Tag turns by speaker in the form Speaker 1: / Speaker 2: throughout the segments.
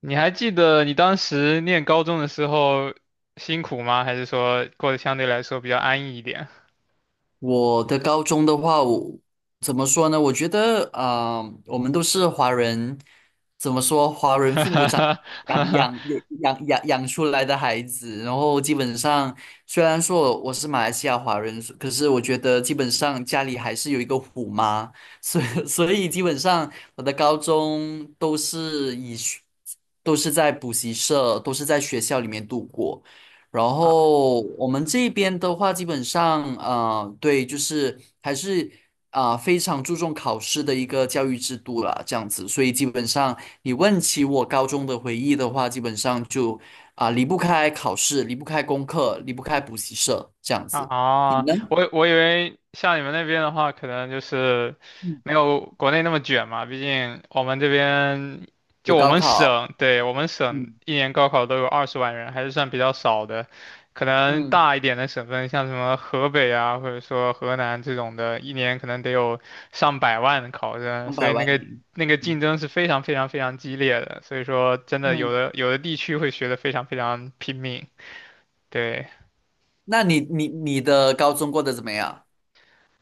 Speaker 1: 你还记得你当时念高中的时候辛苦吗？还是说过得相对来说比较安逸一点？
Speaker 2: 我的高中的话，我怎么说呢？我觉得我们都是华人，怎么说？华人父母长养 养养出来的孩子，然后基本上虽然说我是马来西亚华人，可是我觉得基本上家里还是有一个虎妈，所以 所以基本上我的高中都是在补习社，都是在学校里面度过。然
Speaker 1: 啊
Speaker 2: 后我们这边的话，基本上对，就是还是非常注重考试的一个教育制度啦，这样子。所以基本上，你问起我高中的回忆的话，基本上就离不开考试，离不开功课，离不开补习社这样子。你
Speaker 1: 啊，
Speaker 2: 呢？
Speaker 1: 我以为像你们那边的话，可能就是
Speaker 2: 嗯，
Speaker 1: 没有国内那么卷嘛。毕竟我们这边就
Speaker 2: 有
Speaker 1: 我
Speaker 2: 高
Speaker 1: 们
Speaker 2: 考，
Speaker 1: 省，对，我们省
Speaker 2: 嗯
Speaker 1: 一年高考都有20万人，还是算比较少的。可能
Speaker 2: 嗯，
Speaker 1: 大一点的省份，像什么河北啊，或者说河南这种的，一年可能得有上百万的考生，
Speaker 2: 两
Speaker 1: 所以
Speaker 2: 百
Speaker 1: 那
Speaker 2: 万
Speaker 1: 个
Speaker 2: 名，
Speaker 1: 那个竞
Speaker 2: 嗯
Speaker 1: 争是非常非常非常激烈的。所以说，真的有
Speaker 2: 嗯，
Speaker 1: 的有的地区会学得非常非常拼命，对。
Speaker 2: 那你的高中过得怎么样？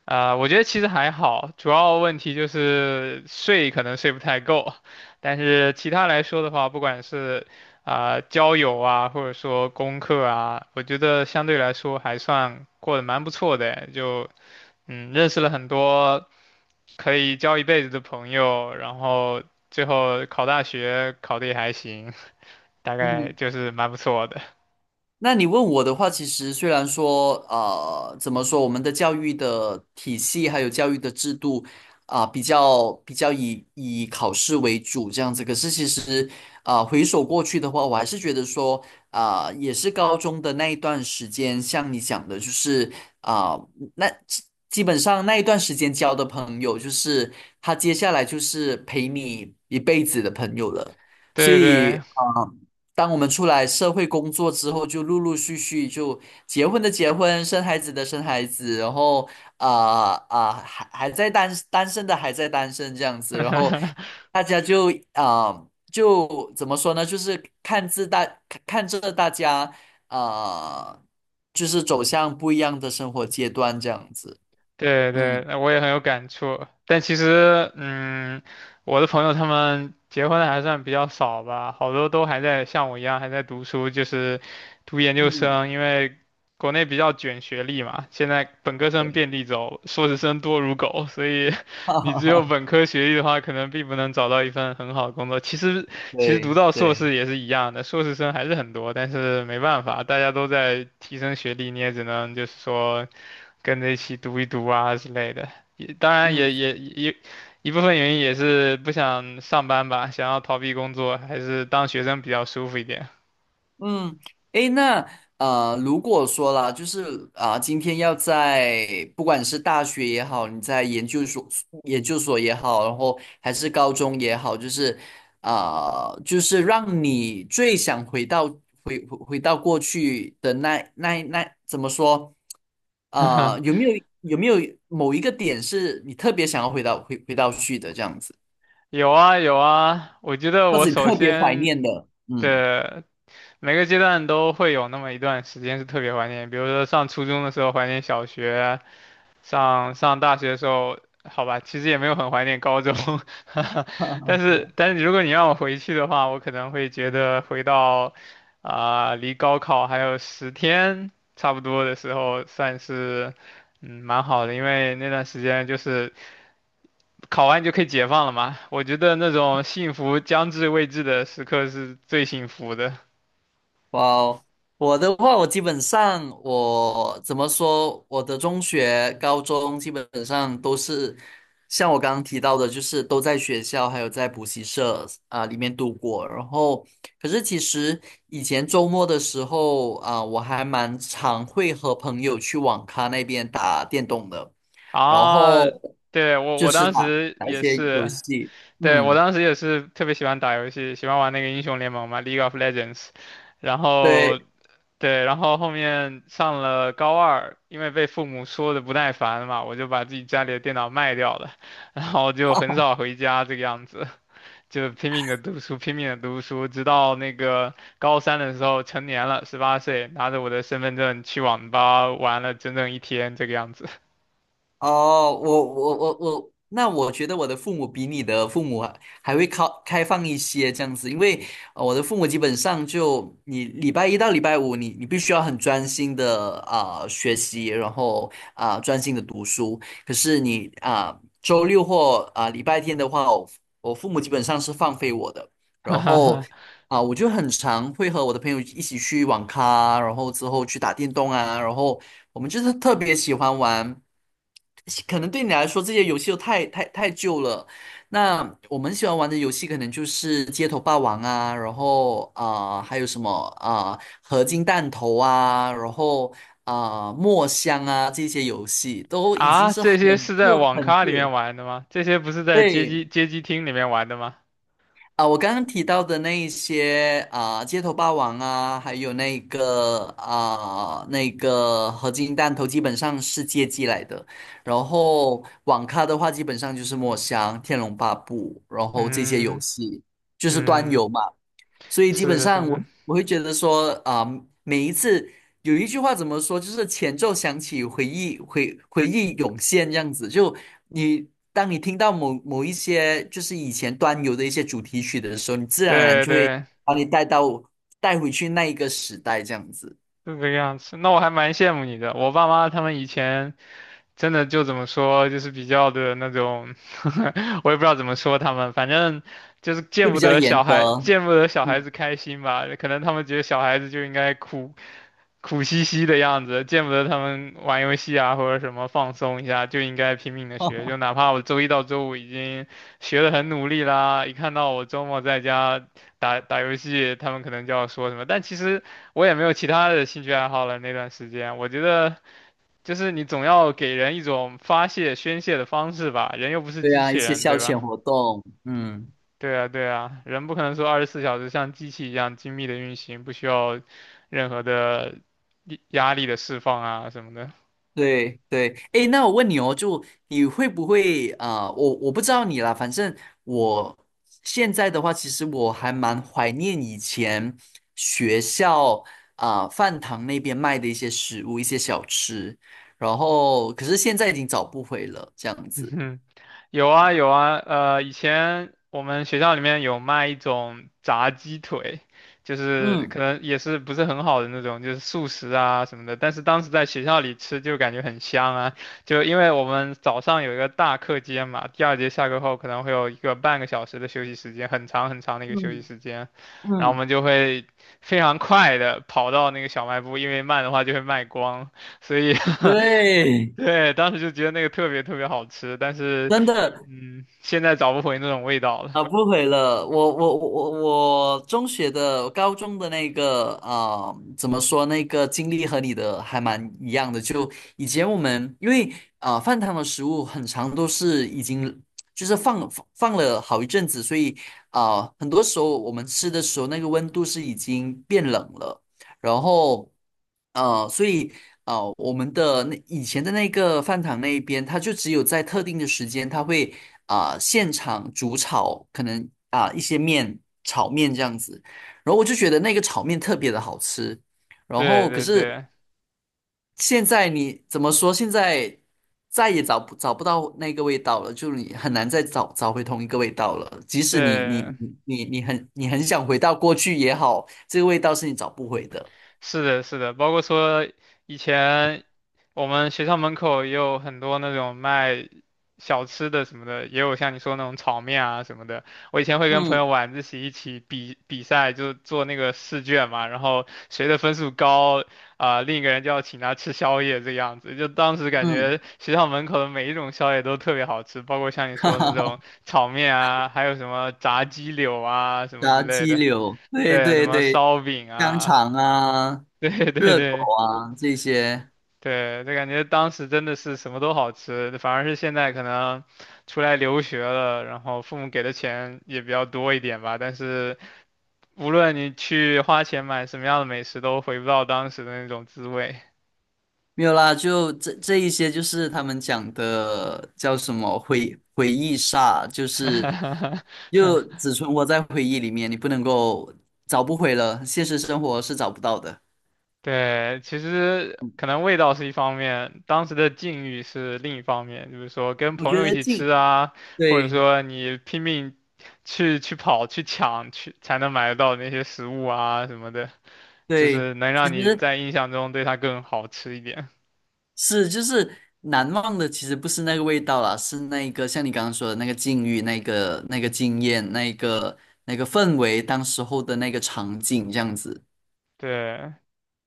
Speaker 1: 啊、我觉得其实还好，主要问题就是睡可能睡不太够，但是其他来说的话，不管是啊、交友啊，或者说功课啊，我觉得相对来说还算过得蛮不错的，就认识了很多可以交一辈子的朋友，然后最后考大学考得也还行，大概
Speaker 2: 嗯。
Speaker 1: 就是蛮不错的。
Speaker 2: 那你问我的话，其实虽然说，呃，怎么说，我们的教育的体系还有教育的制度比较以考试为主这样子，可是其实回首过去的话，我还是觉得说，也是高中的那一段时间，像你讲的，就是啊、那基基本上那一段时间交的朋友，就是他接下来就是陪你一辈子的朋友了，所
Speaker 1: 对
Speaker 2: 以。
Speaker 1: 对，
Speaker 2: 啊。当我们出来社会工作之后，就陆陆续续就结婚的结婚，生孩子的生孩子，然后还在单身这样子，然后 大家就就怎么说呢？就是看着大家啊、就是走向不一样的生活阶段这样子。
Speaker 1: 对对，
Speaker 2: 嗯
Speaker 1: 那我也很有感触。但其实，我的朋友他们结婚的还算比较少吧，好多都还在像我一样还在读书，就是读研究
Speaker 2: 嗯，
Speaker 1: 生，因为国内比较卷学历嘛，现在本科生
Speaker 2: 对，
Speaker 1: 遍地走，硕士生多如狗，所以
Speaker 2: 哈
Speaker 1: 你
Speaker 2: 哈
Speaker 1: 只有
Speaker 2: 哈，
Speaker 1: 本科学历的话，可能并不能找到一份很好的工作。其实读
Speaker 2: 对
Speaker 1: 到硕
Speaker 2: 对，
Speaker 1: 士也是一样的，硕士生还是很多，但是没办法，大家都在提升学历，你也只能就是说。跟着一起读一读啊之类的。也当然也
Speaker 2: 嗯。
Speaker 1: 也也一部分原因也是不想上班吧，想要逃避工作，还是当学生比较舒服一点。
Speaker 2: 嗯，诶，那如果说啦，就是今天要在不管是大学也好，你在研究所、研究所也好，然后还是高中也好，就是就是让你最想回到过去的那怎么说？啊、有没有有没有某一个点是你特别想要回到去的这样子，
Speaker 1: 有啊有啊，我觉得
Speaker 2: 或
Speaker 1: 我
Speaker 2: 者你
Speaker 1: 首
Speaker 2: 特别怀
Speaker 1: 先
Speaker 2: 念的？嗯
Speaker 1: 的每个阶段都会有那么一段时间是特别怀念，比如说上初中的时候怀念小学，上大学的时候，好吧，其实也没有很怀念高中，但 是但是如果你让我回去的话，我可能会觉得回到啊、离高考还有10天差不多的时候，算是嗯蛮好的，因为那段时间就是。考完就可以解放了嘛。我觉得那种幸福将至未至的时刻是最幸福的
Speaker 2: 哇哦，我的话，我基本上我怎么说，我的中学、高中基本上都是像我刚刚提到的，就是都在学校还有在补习社里面度过。然后，可是其实以前周末的时候我还蛮常会和朋友去网咖那边打电动的，然后
Speaker 1: 啊！对，我
Speaker 2: 就
Speaker 1: 我
Speaker 2: 是
Speaker 1: 当
Speaker 2: 打
Speaker 1: 时
Speaker 2: 打一
Speaker 1: 也
Speaker 2: 些游
Speaker 1: 是，
Speaker 2: 戏，
Speaker 1: 对，我
Speaker 2: 嗯。
Speaker 1: 当时也是特别喜欢打游戏，喜欢玩那个英雄联盟嘛，League of Legends。然
Speaker 2: 对，
Speaker 1: 后对，然后后面上了高二，因为被父母说的不耐烦嘛，我就把自己家里的电脑卖掉了，然后就很少回家这个样子。就拼命的读书，拼命的读书，直到那个高三的时候成年了，18岁，拿着我的身份证去网吧玩了整整一天，这个样子。
Speaker 2: 哦，我我我我，那我觉得我的父母比你的父母还会开放一些这样子，因为我的父母基本上就你礼拜一到礼拜五你，你必须要很专心的学习，然后专心的读书。可是你周六或礼拜天的话，我父母基本上是放飞我的，然后。啊，我就很常会和我的朋友一起去网咖，然后之后去打电动啊，然后我们就是特别喜欢玩。可能对你来说这些游戏都太旧了。那我们喜欢玩的游戏可能就是街头霸王啊，然后还有什么合金弹头啊，然后墨香啊这些游戏 都已经
Speaker 1: 啊，
Speaker 2: 是
Speaker 1: 这
Speaker 2: 很
Speaker 1: 些是在
Speaker 2: 旧
Speaker 1: 网
Speaker 2: 很
Speaker 1: 咖里面
Speaker 2: 旧。
Speaker 1: 玩的吗？这些不是在街
Speaker 2: 对，
Speaker 1: 机街机厅里面玩的吗？
Speaker 2: 啊，我刚刚提到的那一些啊，街头霸王啊，还有那个啊，那个合金弹头，基本上是街机来的。然后网咖的话，基本上就是墨香、天龙八部，然后这些游
Speaker 1: 嗯
Speaker 2: 戏就是端
Speaker 1: 嗯，
Speaker 2: 游嘛。所以基
Speaker 1: 是
Speaker 2: 本
Speaker 1: 的，是
Speaker 2: 上
Speaker 1: 的，
Speaker 2: 我会觉得说每一次有一句话怎么说，就是前奏响起，回忆涌现这样子。就你当你听到某一些就是以前端游的一些主题曲的时候，你自然而然
Speaker 1: 对
Speaker 2: 就会
Speaker 1: 对，
Speaker 2: 把你带到带回去那一个时代这样子，
Speaker 1: 是这个样子。那我还蛮羡慕你的，我爸妈他们以前。真的就怎么说，就是比较的那种，我也不知道怎么说他们，反正就是
Speaker 2: 就
Speaker 1: 见
Speaker 2: 比
Speaker 1: 不
Speaker 2: 较
Speaker 1: 得小
Speaker 2: 严
Speaker 1: 孩，
Speaker 2: 格。
Speaker 1: 见不得小孩
Speaker 2: 嗯，
Speaker 1: 子开心吧。可能他们觉得小孩子就应该苦兮兮的样子，见不得他们玩游戏啊或者什么放松一下，就应该拼命的学。就 哪怕我周一到周五已经学的很努力啦，一看到我周末在家打打游戏，他们可能就要说什么，但其实我也没有其他的兴趣爱好了。那段时间，我觉得。就是你总要给人一种发泄、宣泄的方式吧，人又不是
Speaker 2: 对
Speaker 1: 机
Speaker 2: 啊，
Speaker 1: 器
Speaker 2: 一些
Speaker 1: 人，
Speaker 2: 消
Speaker 1: 对
Speaker 2: 遣
Speaker 1: 吧？
Speaker 2: 活动，嗯。
Speaker 1: 对啊，对啊，人不可能说24小时像机器一样精密的运行，不需要任何的压力的释放啊什么的。
Speaker 2: 对对，哎，那我问你哦，就你会不会我不知道你啦，反正我现在的话，其实我还蛮怀念以前学校饭堂那边卖的一些食物、一些小吃，然后可是现在已经找不回了，这样子。
Speaker 1: 有啊有啊，以前我们学校里面有卖一种炸鸡腿，就是
Speaker 2: 嗯
Speaker 1: 可能也是不是很好的那种，就是速食啊什么的。但是当时在学校里吃就感觉很香啊，就因为我们早上有一个大课间嘛，第二节下课后可能会有一个半个小时的休息时间，很长很长的一个休息
Speaker 2: 嗯
Speaker 1: 时间，然后我
Speaker 2: 嗯，
Speaker 1: 们就会非常快的跑到那个小卖部，因为慢的话就会卖光，所以
Speaker 2: 对，
Speaker 1: 对，当时就觉得那个特别特别好吃，但是
Speaker 2: 真的，
Speaker 1: 现在找不回那种味道了。
Speaker 2: 啊，不回了。我中学的、高中的那个怎么说那个经历和你的还蛮一样的。就以前我们因为饭堂的食物很长都是已经就是放了好一阵子，所以很多时候我们吃的时候那个温度是已经变冷了，然后。所以我们的那以前的那个饭堂那一边，它就只有在特定的时间，它会现场煮炒，可能一些炒面这样子。然后我就觉得那个炒面特别的好吃。然
Speaker 1: 对
Speaker 2: 后可
Speaker 1: 对
Speaker 2: 是
Speaker 1: 对
Speaker 2: 现在你怎么说？现在再也找不到那个味道了，就是你很难再找回同一个味道了。即使你
Speaker 1: 对，
Speaker 2: 你你你很你很想回到过去也好，这个味道是你找不回的。
Speaker 1: 是的，是的，包括说以前我们学校门口也有很多那种卖小吃的什么的，也有像你说那种炒面啊什么的。我以前会跟朋
Speaker 2: 嗯
Speaker 1: 友晚自习一起比赛，就做那个试卷嘛，然后谁的分数高啊、另一个人就要请他吃宵夜这个样子。就当时感
Speaker 2: 嗯，
Speaker 1: 觉学校门口的每一种宵夜都特别好吃，包括像你
Speaker 2: 哈
Speaker 1: 说的那
Speaker 2: 哈。
Speaker 1: 种炒面啊，还有什么炸鸡柳啊什么之
Speaker 2: 炸
Speaker 1: 类
Speaker 2: 鸡
Speaker 1: 的。
Speaker 2: 柳，对
Speaker 1: 对，什
Speaker 2: 对
Speaker 1: 么
Speaker 2: 对，
Speaker 1: 烧饼
Speaker 2: 香
Speaker 1: 啊，
Speaker 2: 肠啊，
Speaker 1: 对对
Speaker 2: 热狗
Speaker 1: 对
Speaker 2: 啊这些，
Speaker 1: 对，就感觉当时真的是什么都好吃，反而是现在可能出来留学了，然后父母给的钱也比较多一点吧，但是无论你去花钱买什么样的美食，都回不到当时的那种滋味。
Speaker 2: 没有啦，就这一些就是他们讲的叫什么回忆杀，就 是就只存活在回忆里面，你不能够找不回了，现实生活是找不到的。
Speaker 1: 对，其实可能味道是一方面，当时的境遇是另一方面，就是说跟
Speaker 2: 我
Speaker 1: 朋
Speaker 2: 觉
Speaker 1: 友一
Speaker 2: 得
Speaker 1: 起
Speaker 2: 近，
Speaker 1: 吃啊，或者
Speaker 2: 对
Speaker 1: 说你拼命去跑去抢去才能买得到那些食物啊什么的。就
Speaker 2: 对，
Speaker 1: 是能
Speaker 2: 其
Speaker 1: 让你
Speaker 2: 实
Speaker 1: 在印象中对它更好吃一点。
Speaker 2: 是，就是难忘的，其实不是那个味道啦，是那一个像你刚刚说的那个境遇、那个经验、那个氛围，当时候的那个场景这样子。
Speaker 1: 对，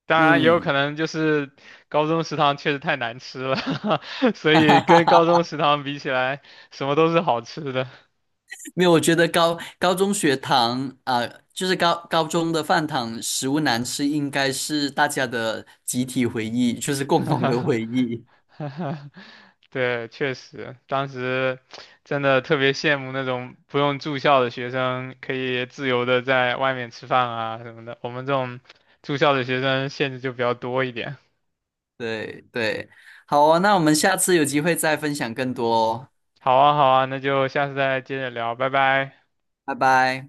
Speaker 1: 当然也有
Speaker 2: 嗯，
Speaker 1: 可能就是高中食堂确实太难吃了，所以跟高中食堂比起来，什么都是好吃的。
Speaker 2: 没有，我觉得高中学堂就是高中的饭堂食物难吃，应该是大家的集体回忆，就是共同的回忆。
Speaker 1: 对，确实，当时真的特别羡慕那种不用住校的学生，可以自由的在外面吃饭啊什么的。我们这种住校的学生限制就比较多一点。
Speaker 2: 对对，好哦，那我们下次有机会再分享更多哦，
Speaker 1: 好啊，好啊，那就下次再接着聊，拜拜。
Speaker 2: 拜拜。